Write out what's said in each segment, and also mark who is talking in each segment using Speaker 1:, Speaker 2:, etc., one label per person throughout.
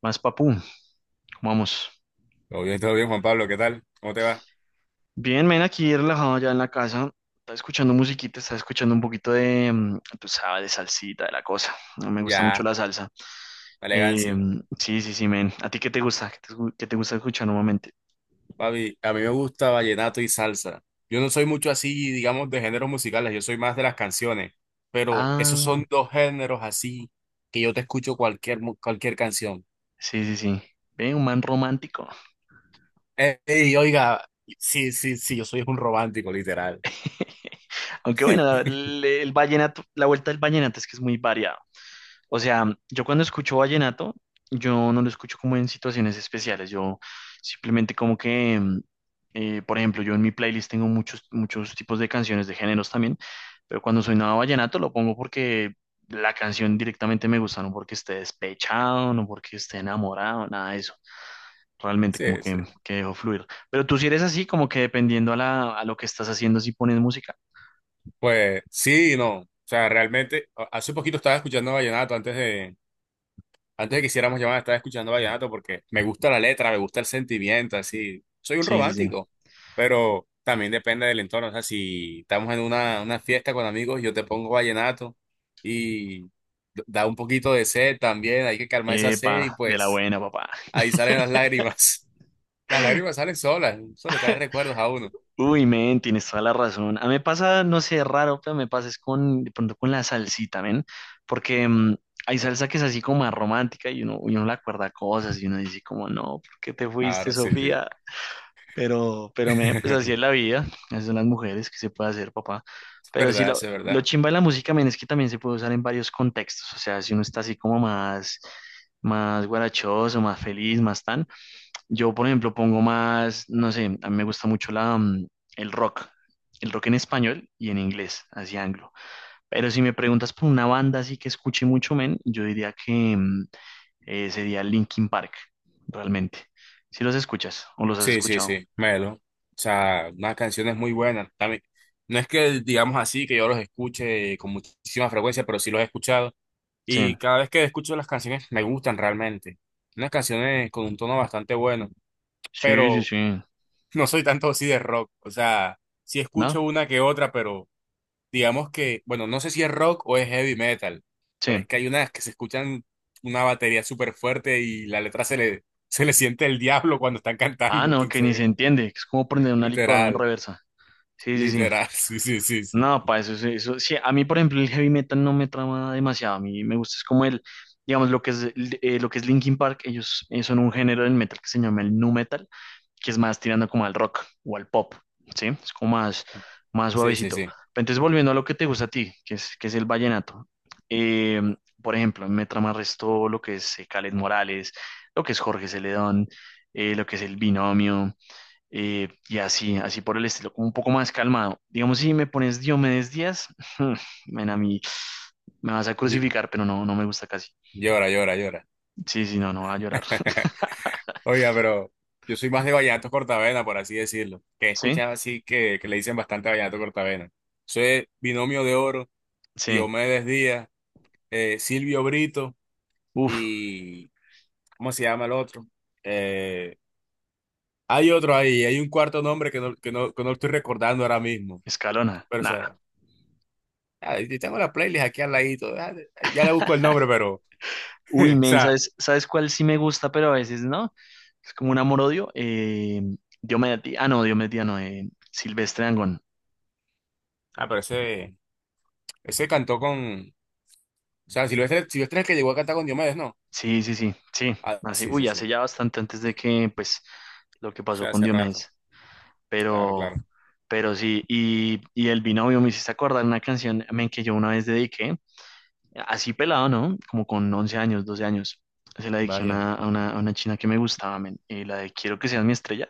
Speaker 1: Más papu, ¿cómo vamos?
Speaker 2: Todo bien, Juan Pablo, ¿qué tal? ¿Cómo te va?
Speaker 1: Bien, men, aquí relajado ya en la casa. Estaba escuchando musiquita, estaba escuchando un poquito de, tú sabes, de salsita, de la cosa. No me gusta mucho
Speaker 2: Ya,
Speaker 1: la salsa.
Speaker 2: la
Speaker 1: Eh,
Speaker 2: elegancia.
Speaker 1: sí, sí, sí, men. ¿A ti qué te gusta? ¿Qué qué te gusta escuchar normalmente?
Speaker 2: Papi, a mí me gusta vallenato y salsa. Yo no soy mucho así, digamos, de géneros musicales, yo soy más de las canciones, pero esos
Speaker 1: Ah,
Speaker 2: son dos géneros así que yo te escucho cualquier canción.
Speaker 1: sí, sí, sí. Ve, un man romántico.
Speaker 2: Ey, oiga, sí, sí, sí, yo soy un romántico, literal.
Speaker 1: Aunque bueno, la- le- el, vallenato, la vuelta del vallenato es que es muy variado. O sea, yo cuando escucho vallenato, yo no lo escucho como en situaciones especiales, yo simplemente como que, por ejemplo, yo en mi playlist tengo muchos, muchos tipos de canciones de géneros también, pero cuando soy nada vallenato lo pongo porque la canción directamente me gusta, no porque esté despechado, no porque esté enamorado, nada de eso. Realmente
Speaker 2: Sí,
Speaker 1: como que,
Speaker 2: sí.
Speaker 1: que dejo fluir. Pero tú si eres así, como que dependiendo a lo que estás haciendo, si pones música.
Speaker 2: Pues sí, y no. O sea, realmente, hace poquito estaba escuchando vallenato antes de que hiciéramos llamada, estaba escuchando vallenato porque me gusta la letra, me gusta el sentimiento, así. Soy un
Speaker 1: Sí, sí, sí.
Speaker 2: romántico, pero también depende del entorno. O sea, si estamos en una fiesta con amigos, yo te pongo vallenato y da un poquito de sed también, hay que calmar esa sed y
Speaker 1: Epa, de la
Speaker 2: pues
Speaker 1: buena, papá.
Speaker 2: ahí salen las lágrimas. Las lágrimas salen solas, solo están en recuerdos a uno.
Speaker 1: Uy, men, tienes toda la razón. A mí me pasa, no sé, raro, pero me pasa es con, de pronto con la salsita, men, porque hay salsa que es así como más romántica y uno, le acuerda cosas y uno dice como, no, ¿por qué te fuiste,
Speaker 2: Claro, sí, sí.
Speaker 1: Sofía? Pero, men, pues así es la vida, así son las mujeres, ¿que se puede hacer, papá?
Speaker 2: Es
Speaker 1: Pero sí,
Speaker 2: verdad,
Speaker 1: lo,
Speaker 2: eso es
Speaker 1: lo
Speaker 2: verdad.
Speaker 1: chimba de la música, men, es que también se puede usar en varios contextos, o sea, si uno está así como más, guarachoso, más feliz, más tan. Yo, por ejemplo, pongo más, no sé, a mí me gusta mucho el rock, el rock en español y en inglés, así anglo. Pero si me preguntas por una banda así que escuche mucho, men, yo diría que sería Linkin Park, realmente. Si los escuchas o los has
Speaker 2: Sí, sí,
Speaker 1: escuchado.
Speaker 2: sí, Melo. O sea, unas canciones muy buenas. También, no es que digamos así que yo los escuche con muchísima frecuencia, pero sí los he escuchado.
Speaker 1: Sí,
Speaker 2: Y cada vez que escucho las canciones me gustan realmente. Unas canciones con un tono bastante bueno,
Speaker 1: sí, sí,
Speaker 2: pero
Speaker 1: sí.
Speaker 2: no soy tanto así de rock. O sea, sí
Speaker 1: ¿No?
Speaker 2: escucho una que otra, pero digamos que, bueno, no sé si es rock o es heavy metal, pero es
Speaker 1: Sí.
Speaker 2: que hay unas que se escuchan una batería súper fuerte y la letra se le, se le siente el diablo cuando están
Speaker 1: Ah,
Speaker 2: cantando.
Speaker 1: no, que ni
Speaker 2: Entonces,
Speaker 1: se entiende, que es como prender una licuadora en
Speaker 2: literal.
Speaker 1: reversa. Sí, sí, sí.
Speaker 2: Literal, sí, sí, sí, sí.
Speaker 1: No, para eso, eso, sí, a mí, por ejemplo, el heavy metal no me trama demasiado, a mí me gusta, es como el, digamos, lo que es Linkin Park, ellos son un género del metal que se llama el nu metal, que es más tirando como al rock o al pop, ¿sí? Es como más
Speaker 2: Sí, sí,
Speaker 1: suavecito.
Speaker 2: sí.
Speaker 1: Pero entonces, volviendo a lo que te gusta a ti, que es el vallenato, eh, por ejemplo, me trama resto lo que es Kaleth Morales, lo que es Jorge Celedón, lo que es El Binomio, y así, así por el estilo, como un poco más calmado. Digamos, si me pones Diomedes Díaz, ven a mí, me vas a
Speaker 2: Ll-
Speaker 1: crucificar, pero no, no me gusta casi.
Speaker 2: Llora, llora, llora.
Speaker 1: Sí, sí, no, no va a llorar.
Speaker 2: Oiga, pero yo soy más de vallenato cortavena, por así decirlo. Que he
Speaker 1: Sí,
Speaker 2: escuchado así que le dicen bastante vallenato cortavena. Soy Binomio de Oro,
Speaker 1: sí,
Speaker 2: Diomedes Díaz, Silvio Brito
Speaker 1: uf,
Speaker 2: y. ¿Cómo se llama el otro? Eh, hay otro ahí, hay un cuarto nombre que no estoy recordando ahora mismo.
Speaker 1: Escalona,
Speaker 2: Pero, o
Speaker 1: nada.
Speaker 2: sea, ah, y tengo la playlist aquí al ladito. Ah, ya le busco el nombre, pero.
Speaker 1: Uy,
Speaker 2: O
Speaker 1: men,
Speaker 2: sea,
Speaker 1: ¿sabes cuál sí me gusta, pero a veces no? Es como un amor-odio. Diomedes Díaz, ah, no, Diomedes Díaz, no, Silvestre Angón.
Speaker 2: ah, pero ese. Ese cantó con. O sea, Silvestre, Silvestre es el que llegó a cantar con Diomedes, ¿no?
Speaker 1: Sí, sí, sí, sí,
Speaker 2: Ah,
Speaker 1: así,
Speaker 2: sí, sí,
Speaker 1: uy,
Speaker 2: sí. O
Speaker 1: hace ya bastante antes de que, pues, lo que pasó
Speaker 2: sea,
Speaker 1: con
Speaker 2: hace rato.
Speaker 1: Diomedes.
Speaker 2: Claro,
Speaker 1: pero,
Speaker 2: claro.
Speaker 1: pero sí, y el binomio me hiciste acordar una canción, men, que yo una vez dediqué, así pelado, ¿no? Como con 11 años, 12 años. Se la dediqué a
Speaker 2: Vaya,
Speaker 1: una, a una, a una china que me gustaba, men, y la de Quiero que seas mi estrella.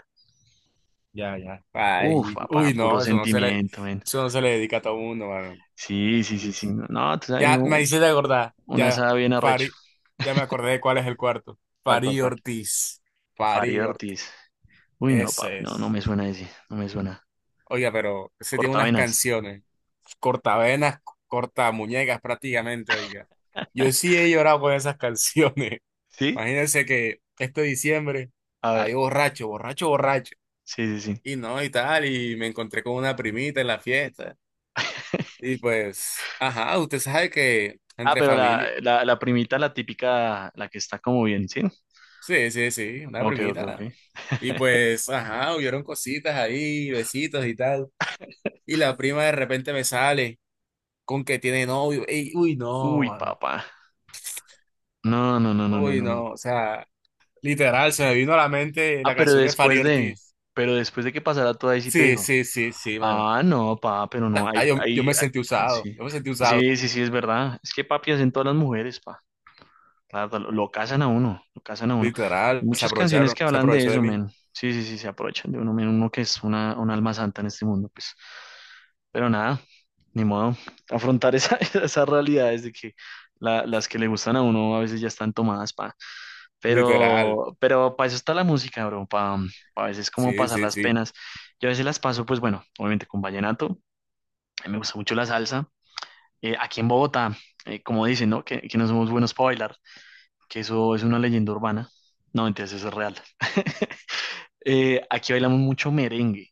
Speaker 2: ya, ya.
Speaker 1: Uf,
Speaker 2: Ay,
Speaker 1: papá,
Speaker 2: uy,
Speaker 1: puro
Speaker 2: no, eso no se le,
Speaker 1: sentimiento, men.
Speaker 2: eso no se le dedica a todo mundo, mano.
Speaker 1: Sí, sí, sí, sí. No, no, tú sabes,
Speaker 2: Ya me
Speaker 1: uno,
Speaker 2: hice de acordar,
Speaker 1: una
Speaker 2: ya,
Speaker 1: sabe bien arrecho.
Speaker 2: Fari, ya me acordé de cuál es el cuarto.
Speaker 1: ¿Cuál, cuál,
Speaker 2: Fari
Speaker 1: cuál?
Speaker 2: Ortiz,
Speaker 1: Fari
Speaker 2: Fari Ortiz,
Speaker 1: Ortiz. Uy, no,
Speaker 2: ese
Speaker 1: papi, no, no
Speaker 2: es.
Speaker 1: me suena ese, no me suena.
Speaker 2: Oiga, pero ese tiene unas
Speaker 1: Cortavenas.
Speaker 2: canciones, cortavenas, cortamuñecas prácticamente, oiga. Yo sí he llorado con esas canciones.
Speaker 1: ¿Sí?
Speaker 2: Imagínense que este diciembre
Speaker 1: A ver,
Speaker 2: había borracho, borracho, borracho.
Speaker 1: sí, sí, sí.
Speaker 2: Y no, y tal, y me encontré con una primita en la fiesta. Y pues, ajá, usted sabe que
Speaker 1: Ah,
Speaker 2: entre
Speaker 1: pero la,
Speaker 2: familia.
Speaker 1: la, la primita, la típica, la que está como bien, ¿sí?
Speaker 2: Sí, sí, sí, una
Speaker 1: Ok, ok, ok.
Speaker 2: primita. Y pues, ajá, hubieron cositas ahí, besitos y tal. Y la prima de repente me sale con que tiene novio. Ey, uy, no,
Speaker 1: Uy,
Speaker 2: mano.
Speaker 1: papá. No, no, no, no, no,
Speaker 2: Uy,
Speaker 1: no,
Speaker 2: no.
Speaker 1: no.
Speaker 2: O sea, literal, se me vino a la mente
Speaker 1: Ah,
Speaker 2: la
Speaker 1: pero
Speaker 2: canción de Fari
Speaker 1: después de,
Speaker 2: Ortiz.
Speaker 1: que pasara todo ahí sí te
Speaker 2: Sí,
Speaker 1: dijo.
Speaker 2: sí, sí, sí, mano.
Speaker 1: Ah, no, pa, pero no,
Speaker 2: Ah,
Speaker 1: ahí,
Speaker 2: yo
Speaker 1: ahí,
Speaker 2: me sentí
Speaker 1: ah,
Speaker 2: usado,
Speaker 1: sí.
Speaker 2: yo me sentí usado,
Speaker 1: Sí, sí, sí, es verdad. Es que papi hacen todas las mujeres. Claro, lo casan a uno, lo casan a uno. Hay
Speaker 2: literal, se
Speaker 1: muchas canciones
Speaker 2: aprovecharon,
Speaker 1: que
Speaker 2: se
Speaker 1: hablan de
Speaker 2: aprovechó de
Speaker 1: eso,
Speaker 2: mí,
Speaker 1: men. Sí, sí, sí, se aprovechan de uno, men, uno que es una, un alma santa en este mundo, pues. Pero nada, ni modo. Afrontar esa, esas realidades de que las que le gustan a uno a veces ya están tomadas, pa.
Speaker 2: literal,
Speaker 1: Pero para eso está la música, bro, para a veces como
Speaker 2: sí,
Speaker 1: pasar
Speaker 2: sí,
Speaker 1: las
Speaker 2: sí,
Speaker 1: penas. Yo a veces las paso, pues bueno, obviamente con vallenato. A mí me gusta mucho la salsa. Aquí en Bogotá, como dicen, ¿no? Que no somos buenos para bailar, que eso es una leyenda urbana. No, entonces eso es real. Aquí bailamos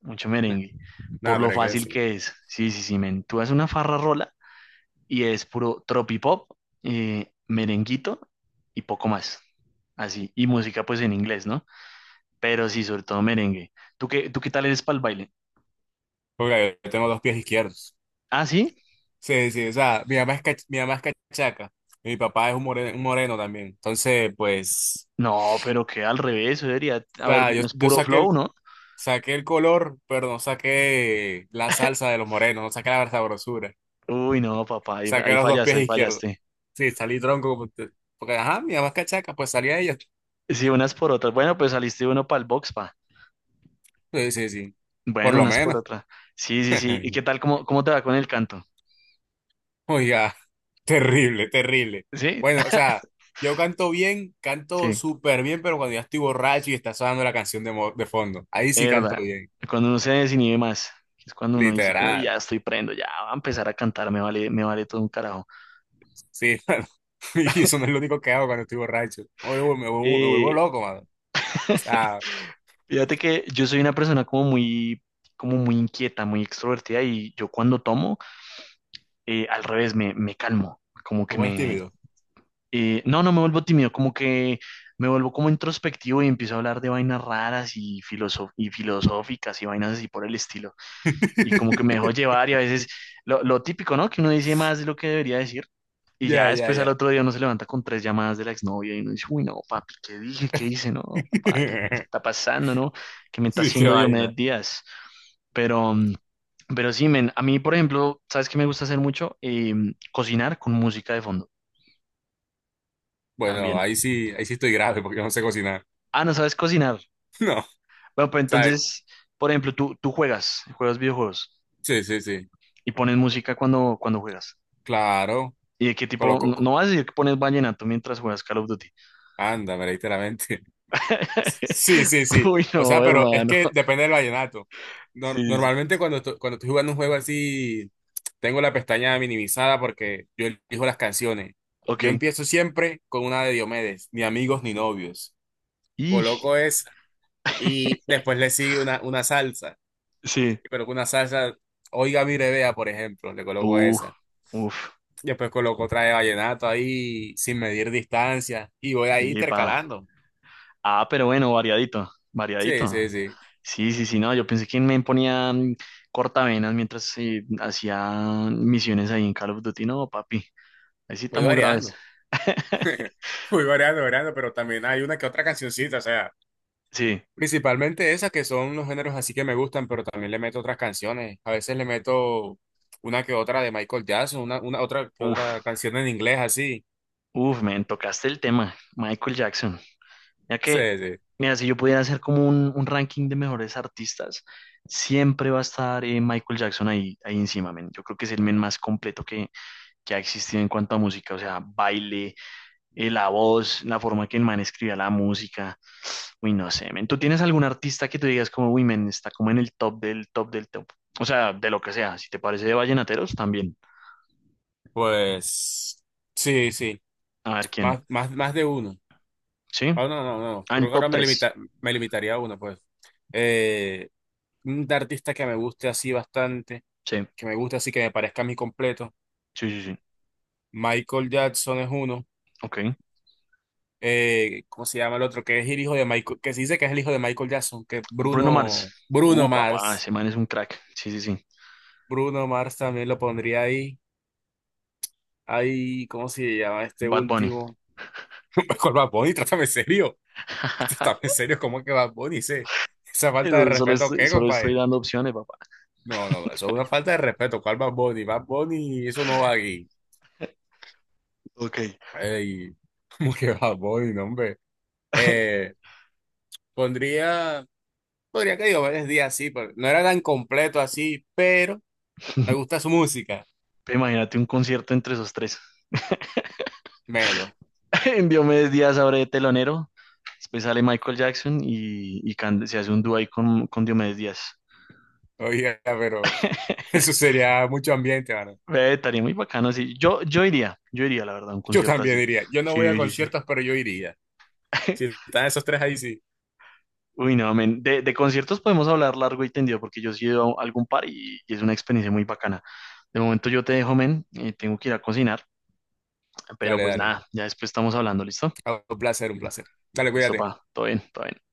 Speaker 1: mucho merengue,
Speaker 2: nada,
Speaker 1: por lo
Speaker 2: pero qué
Speaker 1: fácil
Speaker 2: decir,
Speaker 1: que es. Sí, sí, sí, men. Tú haces una farra rola y es puro tropipop, merenguito y poco más. Así. Y música, pues en inglés, ¿no? Pero sí, sobre todo merengue. ¿Tú qué tal eres para el baile?
Speaker 2: porque yo tengo dos pies izquierdos,
Speaker 1: ¿Ah, sí?
Speaker 2: sí, sí, o sea, mi mamá es cachaca, y mi papá es un moreno también, entonces, pues,
Speaker 1: No, pero que al revés, eso debería.
Speaker 2: o
Speaker 1: A ver,
Speaker 2: sea, yo,
Speaker 1: es
Speaker 2: yo
Speaker 1: puro
Speaker 2: saqué el,
Speaker 1: flow, ¿no?
Speaker 2: saqué el color, pero no saqué la salsa de los morenos, no saqué la sabrosura,
Speaker 1: Uy, no, papá, ahí,
Speaker 2: saqué
Speaker 1: ahí
Speaker 2: los dos
Speaker 1: fallaste,
Speaker 2: pies
Speaker 1: ahí
Speaker 2: izquierdos,
Speaker 1: fallaste.
Speaker 2: sí, salí tronco, porque, ajá, mi mamá es cachaca, pues salí a ella,
Speaker 1: Sí, unas por otras. Bueno, pues saliste uno para el box, pa.
Speaker 2: sí, sí, sí, por
Speaker 1: Bueno,
Speaker 2: lo
Speaker 1: unas por
Speaker 2: menos.
Speaker 1: otra. Sí, sí, sí. ¿Y qué tal? ¿Cómo, cómo te va con el canto?
Speaker 2: Oiga, terrible, terrible.
Speaker 1: ¿Sí?
Speaker 2: Bueno, o sea, yo canto bien, canto
Speaker 1: Sí,
Speaker 2: súper bien, pero cuando ya estoy borracho y está sonando la canción de fondo, ahí sí canto
Speaker 1: verdad.
Speaker 2: bien,
Speaker 1: Cuando uno se desinhibe más, es cuando uno dice, uy,
Speaker 2: literal.
Speaker 1: ya estoy prendo, ya va a empezar a cantar, me vale todo un carajo.
Speaker 2: Sí, mano, y eso no es lo único que hago cuando estoy borracho. Me vuelvo
Speaker 1: Eh,
Speaker 2: loco, mano. O sea,
Speaker 1: Fíjate que yo soy una persona como muy inquieta, muy extrovertida y yo cuando tomo, al revés, me calmo, como
Speaker 2: te
Speaker 1: que
Speaker 2: pones
Speaker 1: me...
Speaker 2: tímido.
Speaker 1: no, no me vuelvo tímido, como que me vuelvo como introspectivo y empiezo a hablar de vainas raras y, filoso y filosóficas y vainas así por el estilo. Y como que me dejó llevar y a veces lo típico, ¿no? Que uno dice más de lo que debería decir y
Speaker 2: Ya,
Speaker 1: ya
Speaker 2: ya,
Speaker 1: después al
Speaker 2: ya.
Speaker 1: otro día uno se levanta con tres llamadas de la exnovia y uno dice, uy, no, papi, ¿qué dije? ¿Qué hice? No, papá, ¿qué está pasando, ¿no? ¿Qué me está
Speaker 2: Sí, qué
Speaker 1: haciendo Diomedes
Speaker 2: vaina.
Speaker 1: Díaz? Pero, mm, pero sí, men, a mí, por ejemplo, ¿sabes qué me gusta hacer mucho? Cocinar con música de fondo
Speaker 2: Bueno,
Speaker 1: también.
Speaker 2: ahí sí estoy grave porque no sé cocinar.
Speaker 1: Ah, ¿no sabes cocinar?
Speaker 2: No,
Speaker 1: Bueno, pues
Speaker 2: ¿sabes?
Speaker 1: entonces, por ejemplo, tú juegas videojuegos
Speaker 2: Sí, sí, sí.
Speaker 1: y pones música cuando juegas.
Speaker 2: Claro.
Speaker 1: ¿Y de qué tipo? No, no vas a decir que pones vallenato mientras juegas Call of Duty.
Speaker 2: Anda, pero literalmente. Sí, sí, sí.
Speaker 1: Uy,
Speaker 2: O sea,
Speaker 1: no,
Speaker 2: pero es
Speaker 1: hermano.
Speaker 2: que depende del vallenato. Nor-
Speaker 1: Sí, sí, sí.
Speaker 2: normalmente cuando estoy jugando un juego así, tengo la pestaña minimizada porque yo elijo las canciones.
Speaker 1: Ok.
Speaker 2: Yo empiezo siempre con una de Diomedes, ni amigos ni novios.
Speaker 1: Y
Speaker 2: Coloco esa y después le sigue una salsa.
Speaker 1: sí.
Speaker 2: Pero con una salsa, oiga mi revea, por ejemplo, le coloco
Speaker 1: Uh,
Speaker 2: esa.
Speaker 1: Uf.
Speaker 2: Después coloco otra de vallenato ahí sin medir distancia y voy ahí
Speaker 1: Epa.
Speaker 2: intercalando.
Speaker 1: Ah, pero bueno, variadito.
Speaker 2: Sí, sí,
Speaker 1: Variadito.
Speaker 2: sí.
Speaker 1: Sí, sí, sí, no. Yo pensé que me ponía cortavenas mientras hacía misiones ahí en Call of Duty. No, papi. Ahí sí
Speaker 2: Voy
Speaker 1: estamos graves.
Speaker 2: variando. Muy variado, variado, pero también hay una que otra cancioncita, o sea,
Speaker 1: Sí.
Speaker 2: principalmente esas que son los géneros así que me gustan, pero también le meto otras canciones. A veces le meto una que otra de Michael Jackson, una otra que
Speaker 1: Uf.
Speaker 2: otra canción en inglés así.
Speaker 1: Uf, me tocaste el tema. Michael Jackson. Ya que,
Speaker 2: Sí, sí.
Speaker 1: mira, si yo pudiera hacer como un ranking de mejores artistas, siempre va a estar Michael Jackson ahí, ahí encima, men. Yo creo que es el men más completo que ha existido en cuanto a música, o sea, baile, la voz, la forma que el man escribía la música. Uy, no sé, men. ¿Tú tienes algún artista que tú digas como, uy, men, está como en el top del top del top? O sea, de lo que sea. Si te parece de vallenateros, también.
Speaker 2: Pues sí, sí,
Speaker 1: A ver quién.
Speaker 2: más, más, más de uno.
Speaker 1: ¿Sí?
Speaker 2: Ah, no, no, no,
Speaker 1: Ah,
Speaker 2: creo
Speaker 1: en
Speaker 2: que
Speaker 1: top
Speaker 2: ahora me
Speaker 1: tres.
Speaker 2: limita, me limitaría a uno, pues. Eh, un artista que me guste así bastante,
Speaker 1: Sí,
Speaker 2: que me guste así, que me parezca a mí completo.
Speaker 1: sí, sí, sí.
Speaker 2: Michael Jackson es uno.
Speaker 1: Ok.
Speaker 2: ¿Cómo se llama el otro? Que es el hijo de Michael, que se dice que es el hijo de Michael Jackson, que
Speaker 1: Bruno Mars.
Speaker 2: Bruno
Speaker 1: Papá,
Speaker 2: Mars.
Speaker 1: ese man es un crack. Sí, sí, sí.
Speaker 2: Bruno Mars también lo pondría ahí. Ahí, ¿cómo se llama este
Speaker 1: Bad Bunny.
Speaker 2: último? ¿Cuál Bad Bunny? Trátame serio. Trátame serio, ¿cómo es que Bad Bunny? ¿Esa falta de
Speaker 1: Eso, Solo
Speaker 2: respeto
Speaker 1: estoy,
Speaker 2: qué,
Speaker 1: solo estoy
Speaker 2: compadre?
Speaker 1: dando opciones, papá.
Speaker 2: No, no, no, eso es una falta de respeto. ¿Cuál Bad Bunny? Bad Bunny, eso no va aquí.
Speaker 1: Ok.
Speaker 2: Ey, ¿cómo que Bad Bunny, no, hombre? Eh, pondría, podría que digo varios días así, pero no era tan completo así, pero me gusta su música.
Speaker 1: Imagínate un concierto entre esos tres.
Speaker 2: Menos.
Speaker 1: En Diomedes Díaz abre de telonero, después sale Michael Jackson y se hace un dúo ahí con Diomedes Díaz.
Speaker 2: Oiga, pero eso sería mucho ambiente, mano.
Speaker 1: Ve, estaría muy bacano así. Yo iría, la verdad, a un
Speaker 2: Yo
Speaker 1: concierto
Speaker 2: también
Speaker 1: así.
Speaker 2: diría. Yo no voy a
Speaker 1: Sí, sí, sí.
Speaker 2: conciertos, pero yo iría. Si están esos tres ahí, sí.
Speaker 1: Uy, no, men. De conciertos podemos hablar largo y tendido porque yo sí he ido a algún par y es una experiencia muy bacana. De momento yo te dejo, men, y tengo que ir a cocinar, pero
Speaker 2: Dale,
Speaker 1: pues
Speaker 2: dale.
Speaker 1: nada, ya después estamos hablando, ¿listo?
Speaker 2: Ah, un placer, un placer. Dale,
Speaker 1: Listo,
Speaker 2: cuídate.
Speaker 1: pa, todo bien, todo bien.